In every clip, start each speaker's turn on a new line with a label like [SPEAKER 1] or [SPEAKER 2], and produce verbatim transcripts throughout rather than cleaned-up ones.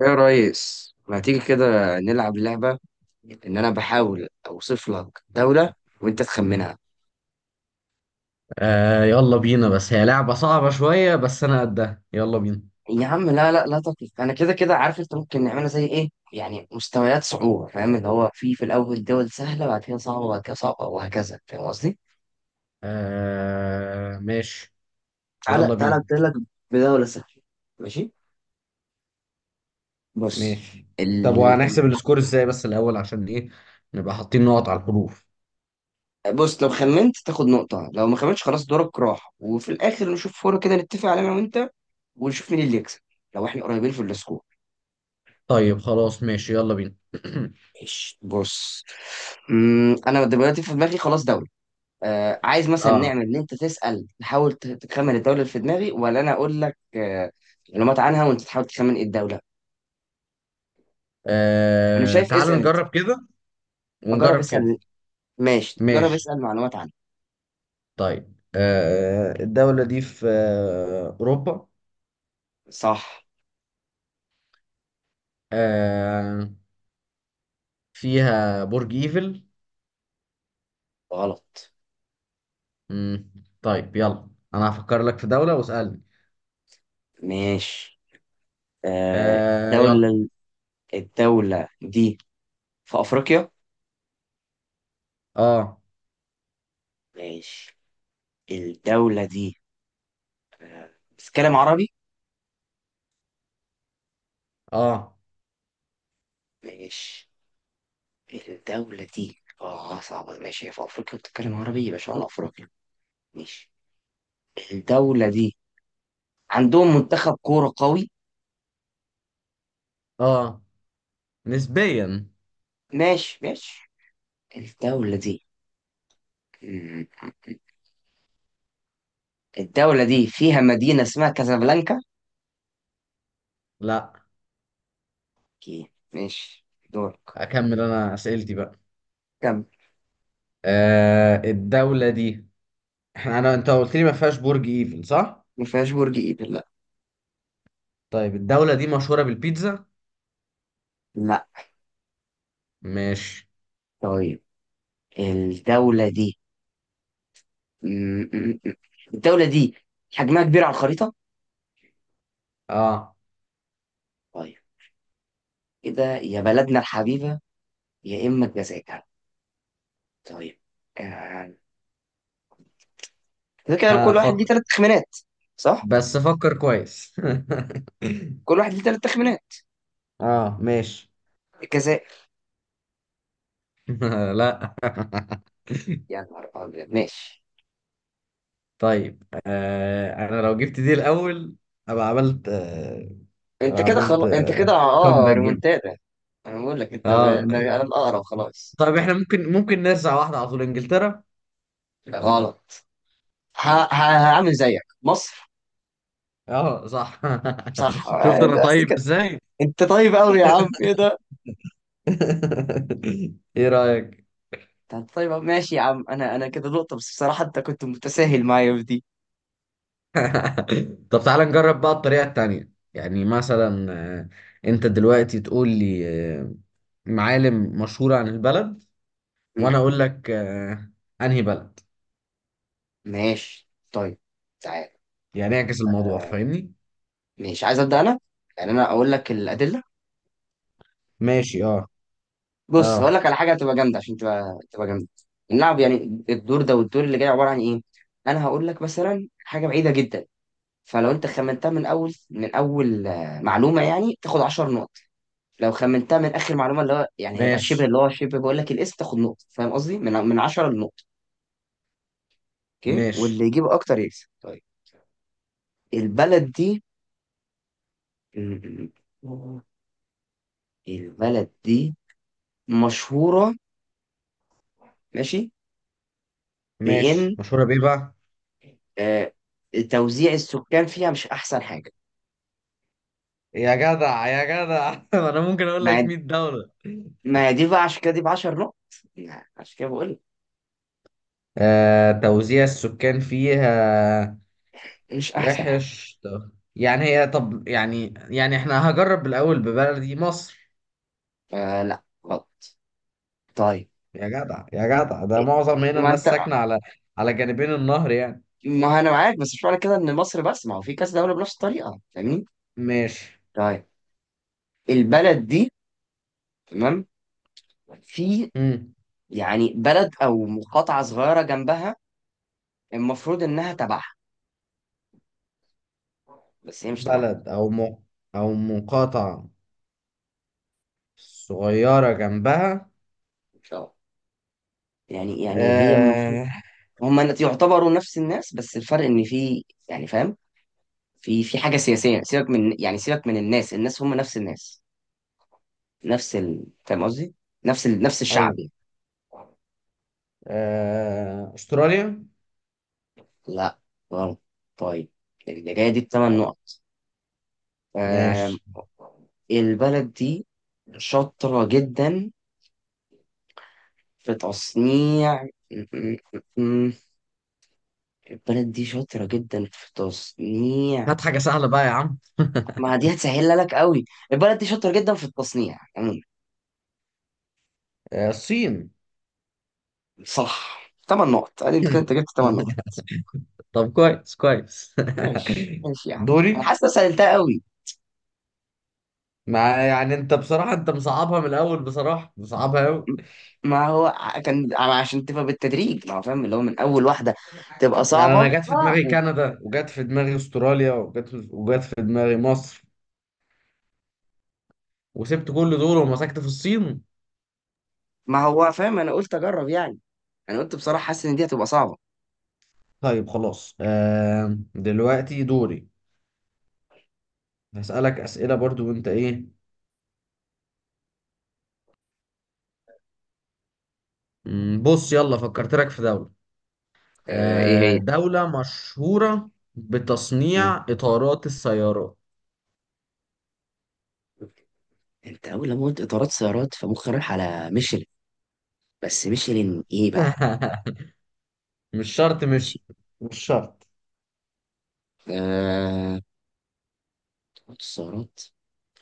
[SPEAKER 1] يا ريس ما تيجي كده نلعب لعبة إن أنا بحاول أوصف لك دولة وأنت تخمنها.
[SPEAKER 2] آه يلا بينا، بس هي لعبة صعبة شوية، بس أنا قدها. يلا بينا.
[SPEAKER 1] يا عم لا لا لا تقلق، أنا كده كده عارف. أنت ممكن نعملها زي إيه، يعني مستويات صعوبة، فاهم؟ اللي هو في في الأول دول سهلة، بعد كده صعبة، بعد كده صعبة وهكذا، فاهم قصدي؟
[SPEAKER 2] آه ماشي.
[SPEAKER 1] تعالى
[SPEAKER 2] يلا
[SPEAKER 1] تعالى
[SPEAKER 2] بينا
[SPEAKER 1] أبتدي لك بدولة سهلة، ماشي؟ بص.
[SPEAKER 2] ماشي.
[SPEAKER 1] ال...
[SPEAKER 2] طب
[SPEAKER 1] ال...
[SPEAKER 2] وهنحسب السكور ازاي بس الأول عشان إيه؟ نبقى حاطين نقط على الحروف.
[SPEAKER 1] بص، لو خمنت تاخد نقطة، لو ما خمنتش خلاص دورك راح، وفي الآخر نشوف فورة كده نتفق عليها أنا وأنت ونشوف مين اللي يكسب لو إحنا قريبين في السكور.
[SPEAKER 2] طيب خلاص ماشي، يلا بينا.
[SPEAKER 1] ماشي، بص. مم، انا دلوقتي في دماغي خلاص دولة. آه، عايز مثلا
[SPEAKER 2] آه,
[SPEAKER 1] نعمل ان انت تسأل تحاول ت- تخمن الدولة اللي في دماغي، ولا انا اقول لك آه معلومات عنها وانت تحاول تخمن ايه الدولة. انا
[SPEAKER 2] آه
[SPEAKER 1] شايف
[SPEAKER 2] تعال
[SPEAKER 1] اسأل انت.
[SPEAKER 2] نجرب كده
[SPEAKER 1] جرب
[SPEAKER 2] ونجرب كده.
[SPEAKER 1] اسأل، ماشي جرب
[SPEAKER 2] ماشي
[SPEAKER 1] اسأل معلومات عنها.
[SPEAKER 2] طيب. آه الدولة دي في آه أوروبا.
[SPEAKER 1] صح.
[SPEAKER 2] آه فيها برج إيفل.
[SPEAKER 1] غلط.
[SPEAKER 2] مم. طيب يلا، أنا هفكر لك في دولة واسألني.
[SPEAKER 1] ماشي. آه،
[SPEAKER 2] آه يلا.
[SPEAKER 1] دولة. الدولة دي في افريقيا.
[SPEAKER 2] اه.
[SPEAKER 1] ماشي. الدولة دي آه، بتتكلم عربي.
[SPEAKER 2] اه.
[SPEAKER 1] ماشي، الدولة دي اه صعبة. ماشي، هي في افريقيا بتتكلم عربي، يبقى شمال افريقيا. ماشي، الدولة دي عندهم منتخب كورة قوي.
[SPEAKER 2] اه نسبيا.
[SPEAKER 1] ماشي ماشي، الدولة دي مم. الدولة دي فيها مدينة اسمها كازابلانكا.
[SPEAKER 2] لا
[SPEAKER 1] اوكي ماشي، دورك.
[SPEAKER 2] اكمل انا اسئلتي بقى.
[SPEAKER 1] كم؟
[SPEAKER 2] آه الدولة دي، احنا انا انت قلت لي ما فيهاش برج ايفل صح؟
[SPEAKER 1] ما فيهاش برج ايفل، لا.
[SPEAKER 2] طيب الدولة دي مشهورة بالبيتزا؟
[SPEAKER 1] لا.
[SPEAKER 2] ماشي.
[SPEAKER 1] طيب، الدولة دي مم، مم، مم. الدولة دي حجمها كبير على الخريطة.
[SPEAKER 2] اه
[SPEAKER 1] طيب كده، يا بلدنا الحبيبة يا إما الجزائر. طيب، آه، كده كده
[SPEAKER 2] ها،
[SPEAKER 1] كل واحد ليه
[SPEAKER 2] فكر،
[SPEAKER 1] ثلاث تخمينات، صح؟
[SPEAKER 2] بس فكر كويس.
[SPEAKER 1] كل واحد ليه ثلاث تخمينات
[SPEAKER 2] اه ماشي.
[SPEAKER 1] كذا.
[SPEAKER 2] لا.
[SPEAKER 1] يا نهار أبيض، ماشي.
[SPEAKER 2] طيب آه انا لو جبت دي الاول ابقى عملت آه،
[SPEAKER 1] أنت
[SPEAKER 2] ابقى
[SPEAKER 1] كده
[SPEAKER 2] عملت
[SPEAKER 1] خلاص، أنت كده
[SPEAKER 2] آه
[SPEAKER 1] أه
[SPEAKER 2] كومباك جيم.
[SPEAKER 1] ريمونتادا. أنا بقول لك أنت ب...
[SPEAKER 2] اه
[SPEAKER 1] أنا الأقرب خلاص.
[SPEAKER 2] طيب احنا ممكن ممكن نرجع واحدة على طول: انجلترا.
[SPEAKER 1] غلط. ه... ه... هعمل زيك مصر.
[SPEAKER 2] اه صح.
[SPEAKER 1] صح
[SPEAKER 2] شفت
[SPEAKER 1] آه،
[SPEAKER 2] انا
[SPEAKER 1] بس
[SPEAKER 2] طيب
[SPEAKER 1] كده.
[SPEAKER 2] ازاي.
[SPEAKER 1] أنت طيب أوي يا عم، إيه ده؟
[SPEAKER 2] ايه رأيك؟
[SPEAKER 1] أنت طيب أوي. ماشي يا عم، أنا أنا كده نقطة، بس بصراحة أنت كنت متساهل معايا في دي.
[SPEAKER 2] طب تعالى نجرب بقى الطريقة التانية، يعني مثلا آه، انت دلوقتي تقول لي آه، معالم مشهورة عن البلد،
[SPEAKER 1] مم.
[SPEAKER 2] وانا اقول لك آه، انهي بلد.
[SPEAKER 1] ماشي طيب، تعال.
[SPEAKER 2] يعني اعكس الموضوع،
[SPEAKER 1] آه،
[SPEAKER 2] فاهمني؟
[SPEAKER 1] ماشي، عايز أبدأ أنا؟ يعني أنا أقول لك الأدلة.
[SPEAKER 2] ماشي. اه.
[SPEAKER 1] بص، هقول
[SPEAKER 2] اه
[SPEAKER 1] لك على حاجه هتبقى جامده، عشان تبقى تبقى جامده اللعب يعني. الدور ده والدور اللي جاي عباره عن ايه، انا هقول لك مثلا حاجه بعيده جدا. فلو انت خمنتها من اول من اول آه، معلومه، يعني تاخد 10 نقط. لو خمنتها من اخر معلومه اللي هو يعني هيبقى
[SPEAKER 2] ماشي.
[SPEAKER 1] شبه، اللي هو شبه بقول لك الاسم، تاخد نقطه. فاهم قصدي؟ من من عشرة لنقطه. اوكي،
[SPEAKER 2] ماشي.
[SPEAKER 1] واللي يجيب اكتر يكسب. طيب، البلد دي م- م- البلد دي مشهوره. ماشي.
[SPEAKER 2] ماشي
[SPEAKER 1] بان
[SPEAKER 2] مشهورة بيه بقى.
[SPEAKER 1] آه، توزيع السكان فيها مش احسن حاجه.
[SPEAKER 2] يا جدع يا جدع، انا ممكن اقول
[SPEAKER 1] مع.
[SPEAKER 2] لك مية.
[SPEAKER 1] ما هي دي بقى عشان كده دي ب 10 نقط، يعني عشان كده بقول لك
[SPEAKER 2] آه، توزيع السكان فيها
[SPEAKER 1] مش احسن حاجه.
[SPEAKER 2] وحش. طب- يعني هي، طب يعني، يعني احنا هجرب الأول ببلدي مصر.
[SPEAKER 1] آه لا، غلط. طيب،
[SPEAKER 2] يا جدع يا جدع، ده معظم هنا
[SPEAKER 1] ما انت
[SPEAKER 2] الناس ساكنة على على جانبين النهر يعني.
[SPEAKER 1] ما انا معاك، بس مش معنى كده ان مصر بس، ما هو في كذا دوله بنفس الطريقه، فاهمين.
[SPEAKER 2] ماشي.
[SPEAKER 1] طيب، البلد دي تمام، في
[SPEAKER 2] مم.
[SPEAKER 1] يعني بلد او مقاطعه صغيره جنبها، المفروض انها تبعها بس هي مش تبعها.
[SPEAKER 2] بلد أو م... أو مقاطعة صغيرة جنبها.
[SPEAKER 1] ان شاء الله يعني يعني هي المفروض
[SPEAKER 2] آه...
[SPEAKER 1] هم يعتبروا نفس الناس، بس الفرق ان في يعني فاهم، في في حاجه سياسيه. سيبك من يعني سيبك من الناس، الناس هم نفس الناس، نفس ال... فاهم قصدي؟ نفس ال... نفس الشعب
[SPEAKER 2] أيوه.
[SPEAKER 1] يعني.
[SPEAKER 2] آه... أستراليا.
[SPEAKER 1] لا غلط. طيب، الجاية دي بثمان
[SPEAKER 2] آه،
[SPEAKER 1] نقط. آم،
[SPEAKER 2] ماشي.
[SPEAKER 1] البلد دي شاطرة جدا في تصنيع م- م- م- البلد دي شاطرة جدا في تصنيع.
[SPEAKER 2] هات حاجة سهلة بقى يا عم.
[SPEAKER 1] ما دي هتسهلها لك قوي. البلد دي شاطرة جدا في التصنيع عموما.
[SPEAKER 2] آه، الصين.
[SPEAKER 1] صح. ثمان نقط، ادي انت كنت جبت ثمان نقط.
[SPEAKER 2] طب كويس كويس.
[SPEAKER 1] ماشي ماشي يا عم، انا
[SPEAKER 2] دوري.
[SPEAKER 1] حاسس إن أنا سهلتها قوي.
[SPEAKER 2] ما يعني انت بصراحة، انت مصعبها من الاول بصراحة، مصعبها قوي.
[SPEAKER 1] ما هو ع- كان ع- عشان تبقى بالتدريج، ما هو فاهم اللي هو من اول واحده تبقى
[SPEAKER 2] يعني
[SPEAKER 1] صعبه،
[SPEAKER 2] انا جت في
[SPEAKER 1] اه.
[SPEAKER 2] دماغي كندا، وجت في دماغي استراليا، وجت وجت في دماغي مصر، وسبت كل دول ومسكت في الصين.
[SPEAKER 1] ما هو فاهم، انا قلت اجرب يعني، انا قلت بصراحه حاسس ان دي هتبقى صعبه.
[SPEAKER 2] طيب خلاص. آه دلوقتي دوري، هسألك أسئلة برضو وانت ايه. مم، بص يلا فكرت لك في دولة،
[SPEAKER 1] آه، ايه
[SPEAKER 2] آه
[SPEAKER 1] هي؟
[SPEAKER 2] دولة مشهورة
[SPEAKER 1] مم.
[SPEAKER 2] بتصنيع إطارات السيارات.
[SPEAKER 1] انت اول لما قلت اطارات سيارات فمخي رايح على ميشلين، بس ميشلين ايه بقى.
[SPEAKER 2] مش شرط، مش
[SPEAKER 1] ماشي،
[SPEAKER 2] مش شرط
[SPEAKER 1] آه اطارات سيارات،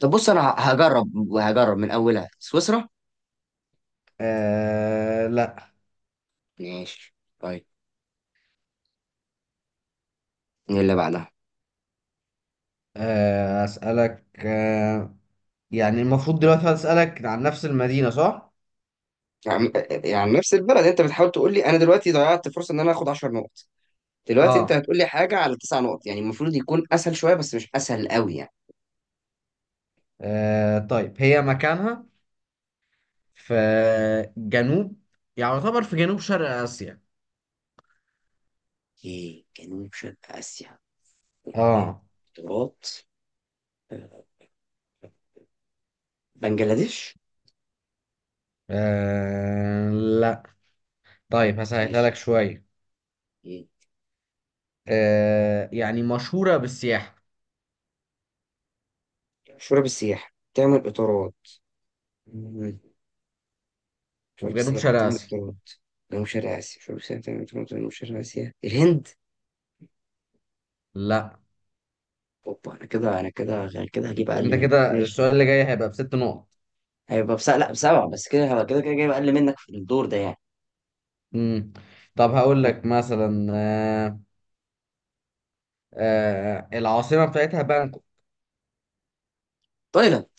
[SPEAKER 1] طب بص، انا ه- هجرب، هجرب من اولها سويسرا.
[SPEAKER 2] آه لا.
[SPEAKER 1] ماشي طيب، ايه اللي بعدها؟
[SPEAKER 2] آه أسألك آه، يعني المفروض دلوقتي هسألك عن نفس المدينة صح؟
[SPEAKER 1] يعني، يعني نفس البلد؟ انت بتحاول تقول لي انا دلوقتي ضيعت فرصه ان انا اخد 10 نقط، دلوقتي انت
[SPEAKER 2] اه,
[SPEAKER 1] هتقول لي حاجه على تسع نقط، يعني المفروض يكون اسهل شويه بس مش اسهل قوي يعني.
[SPEAKER 2] آه طيب هي مكانها في جنوب، يعني يعتبر في جنوب شرق آسيا.
[SPEAKER 1] ايه جنوب شرق اسيا؟ إيه؟
[SPEAKER 2] اه,
[SPEAKER 1] اطارات، آه، بنجلاديش.
[SPEAKER 2] آه لا. طيب هسهلها لك
[SPEAKER 1] ماشي،
[SPEAKER 2] شوية.
[SPEAKER 1] ايه؟
[SPEAKER 2] آه يعني مشهورة بالسياحة
[SPEAKER 1] شرب السياحه تعمل اطارات؟ مم. شرب
[SPEAKER 2] وفي جنوب
[SPEAKER 1] السياحه
[SPEAKER 2] شرق
[SPEAKER 1] تعمل
[SPEAKER 2] آسيا.
[SPEAKER 1] اطارات؟ جنوب شرق اسيا، شرب السياحه تعمل اطارات، جنوب شرق اسيا، الهند.
[SPEAKER 2] لا.
[SPEAKER 1] اوبا، انا كده انا كده انا كده هجيب
[SPEAKER 2] انت
[SPEAKER 1] اقل
[SPEAKER 2] انت
[SPEAKER 1] منك،
[SPEAKER 2] كده
[SPEAKER 1] ماشي.
[SPEAKER 2] السؤال اللي جاي هيبقى بست نقط.
[SPEAKER 1] هيبقى بس لا بسبعه، بس كده كده كده جايب اقل منك في الدور ده يعني.
[SPEAKER 2] مم. طب هقول
[SPEAKER 1] طيب.
[SPEAKER 2] لك مثلا آه، آه العاصمة بتاعتها بانكوك.
[SPEAKER 1] تايلاند.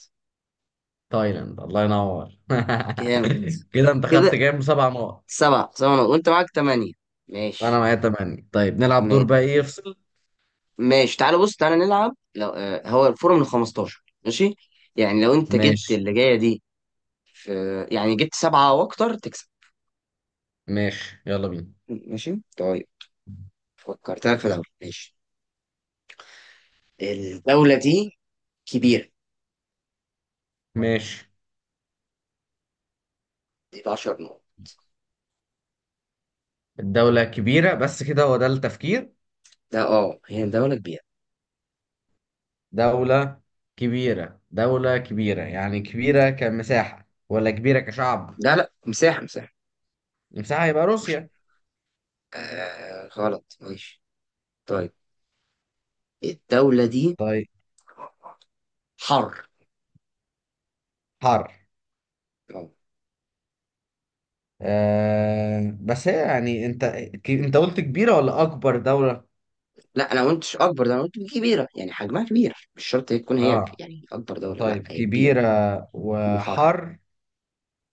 [SPEAKER 2] تايلاند الله ينور.
[SPEAKER 1] جامد.
[SPEAKER 2] كده انت
[SPEAKER 1] كده
[SPEAKER 2] خدت كام، سبع نقط.
[SPEAKER 1] سبعة سبعة نقط. وانت معاك تمانية،
[SPEAKER 2] انا
[SPEAKER 1] ماشي.
[SPEAKER 2] معايا تمانية. طيب نلعب
[SPEAKER 1] ما-
[SPEAKER 2] دور بقى ايه يفصل.
[SPEAKER 1] ماشي تعالى بص، تعالى نلعب، لو آه، هو الفورة من خمستاشر، ماشي؟ يعني لو انت جبت
[SPEAKER 2] ماشي
[SPEAKER 1] اللي جاية دي في، يعني جبت سبعة واكتر تكسب.
[SPEAKER 2] ماشي، يلا بينا
[SPEAKER 1] ماشي طيب، فكرت لك في دولة، ماشي. الدولة دي كبيرة،
[SPEAKER 2] ماشي.
[SPEAKER 1] دي ب 10 نقط.
[SPEAKER 2] الدولة كبيرة بس كده هو ده التفكير؟
[SPEAKER 1] ده اه هي دولة كبيرة.
[SPEAKER 2] دولة كبيرة، دولة كبيرة، يعني كبيرة كمساحة ولا كبيرة كشعب؟
[SPEAKER 1] لا لا، مساحة مساحة.
[SPEAKER 2] المساحة يبقى
[SPEAKER 1] مش
[SPEAKER 2] روسيا.
[SPEAKER 1] آه غلط، ماشي طيب. الدولة دي
[SPEAKER 2] طيب
[SPEAKER 1] حر.
[SPEAKER 2] حر. آه بس هي يعني انت، ك- انت قلت كبيرة ولا اكبر دولة؟
[SPEAKER 1] لا انا ما قلتش اكبر، ده انا قلت كبيره، يعني حجمها كبير، مش شرط تكون هي ك-
[SPEAKER 2] اه
[SPEAKER 1] يعني اكبر دوله، لا
[SPEAKER 2] طيب،
[SPEAKER 1] هي كبيره.
[SPEAKER 2] كبيرة
[SPEAKER 1] وحر.
[SPEAKER 2] وحر،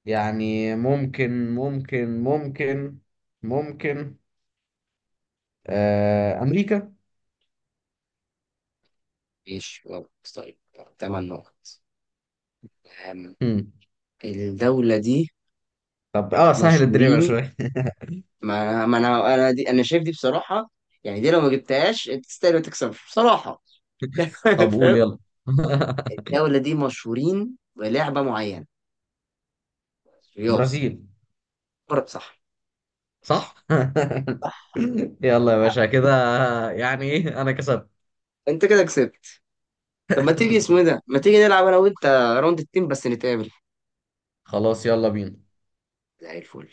[SPEAKER 2] يعني ممكن، ممكن، ممكن، ممكن آه أمريكا.
[SPEAKER 1] ماشي غلط، طيب، ثمان نقط. أم،
[SPEAKER 2] مم.
[SPEAKER 1] الدوله دي
[SPEAKER 2] طب اه سهل الدنيا بقى
[SPEAKER 1] مشهورين.
[SPEAKER 2] شوية.
[SPEAKER 1] ما ما انا انا دي انا شايف دي بصراحه، يعني دي لو ما جبتهاش انت تستاهل ما تكسبش بصراحه يعني،
[SPEAKER 2] طب قول
[SPEAKER 1] فاهم.
[SPEAKER 2] يلا.
[SPEAKER 1] الدوله دي مشهورين بلعبه معينه، رياضه.
[SPEAKER 2] برازيل.
[SPEAKER 1] برضه صح.
[SPEAKER 2] صح.
[SPEAKER 1] صح،
[SPEAKER 2] يلا يا باشا كده، يعني ايه انا كسبت.
[SPEAKER 1] انت كده كسبت. طب ما تيجي اسمه إيه ده، ما تيجي نلعب انا وانت راوند التيم بس نتقابل.
[SPEAKER 2] خلاص يلا بينا.
[SPEAKER 1] زي الفل.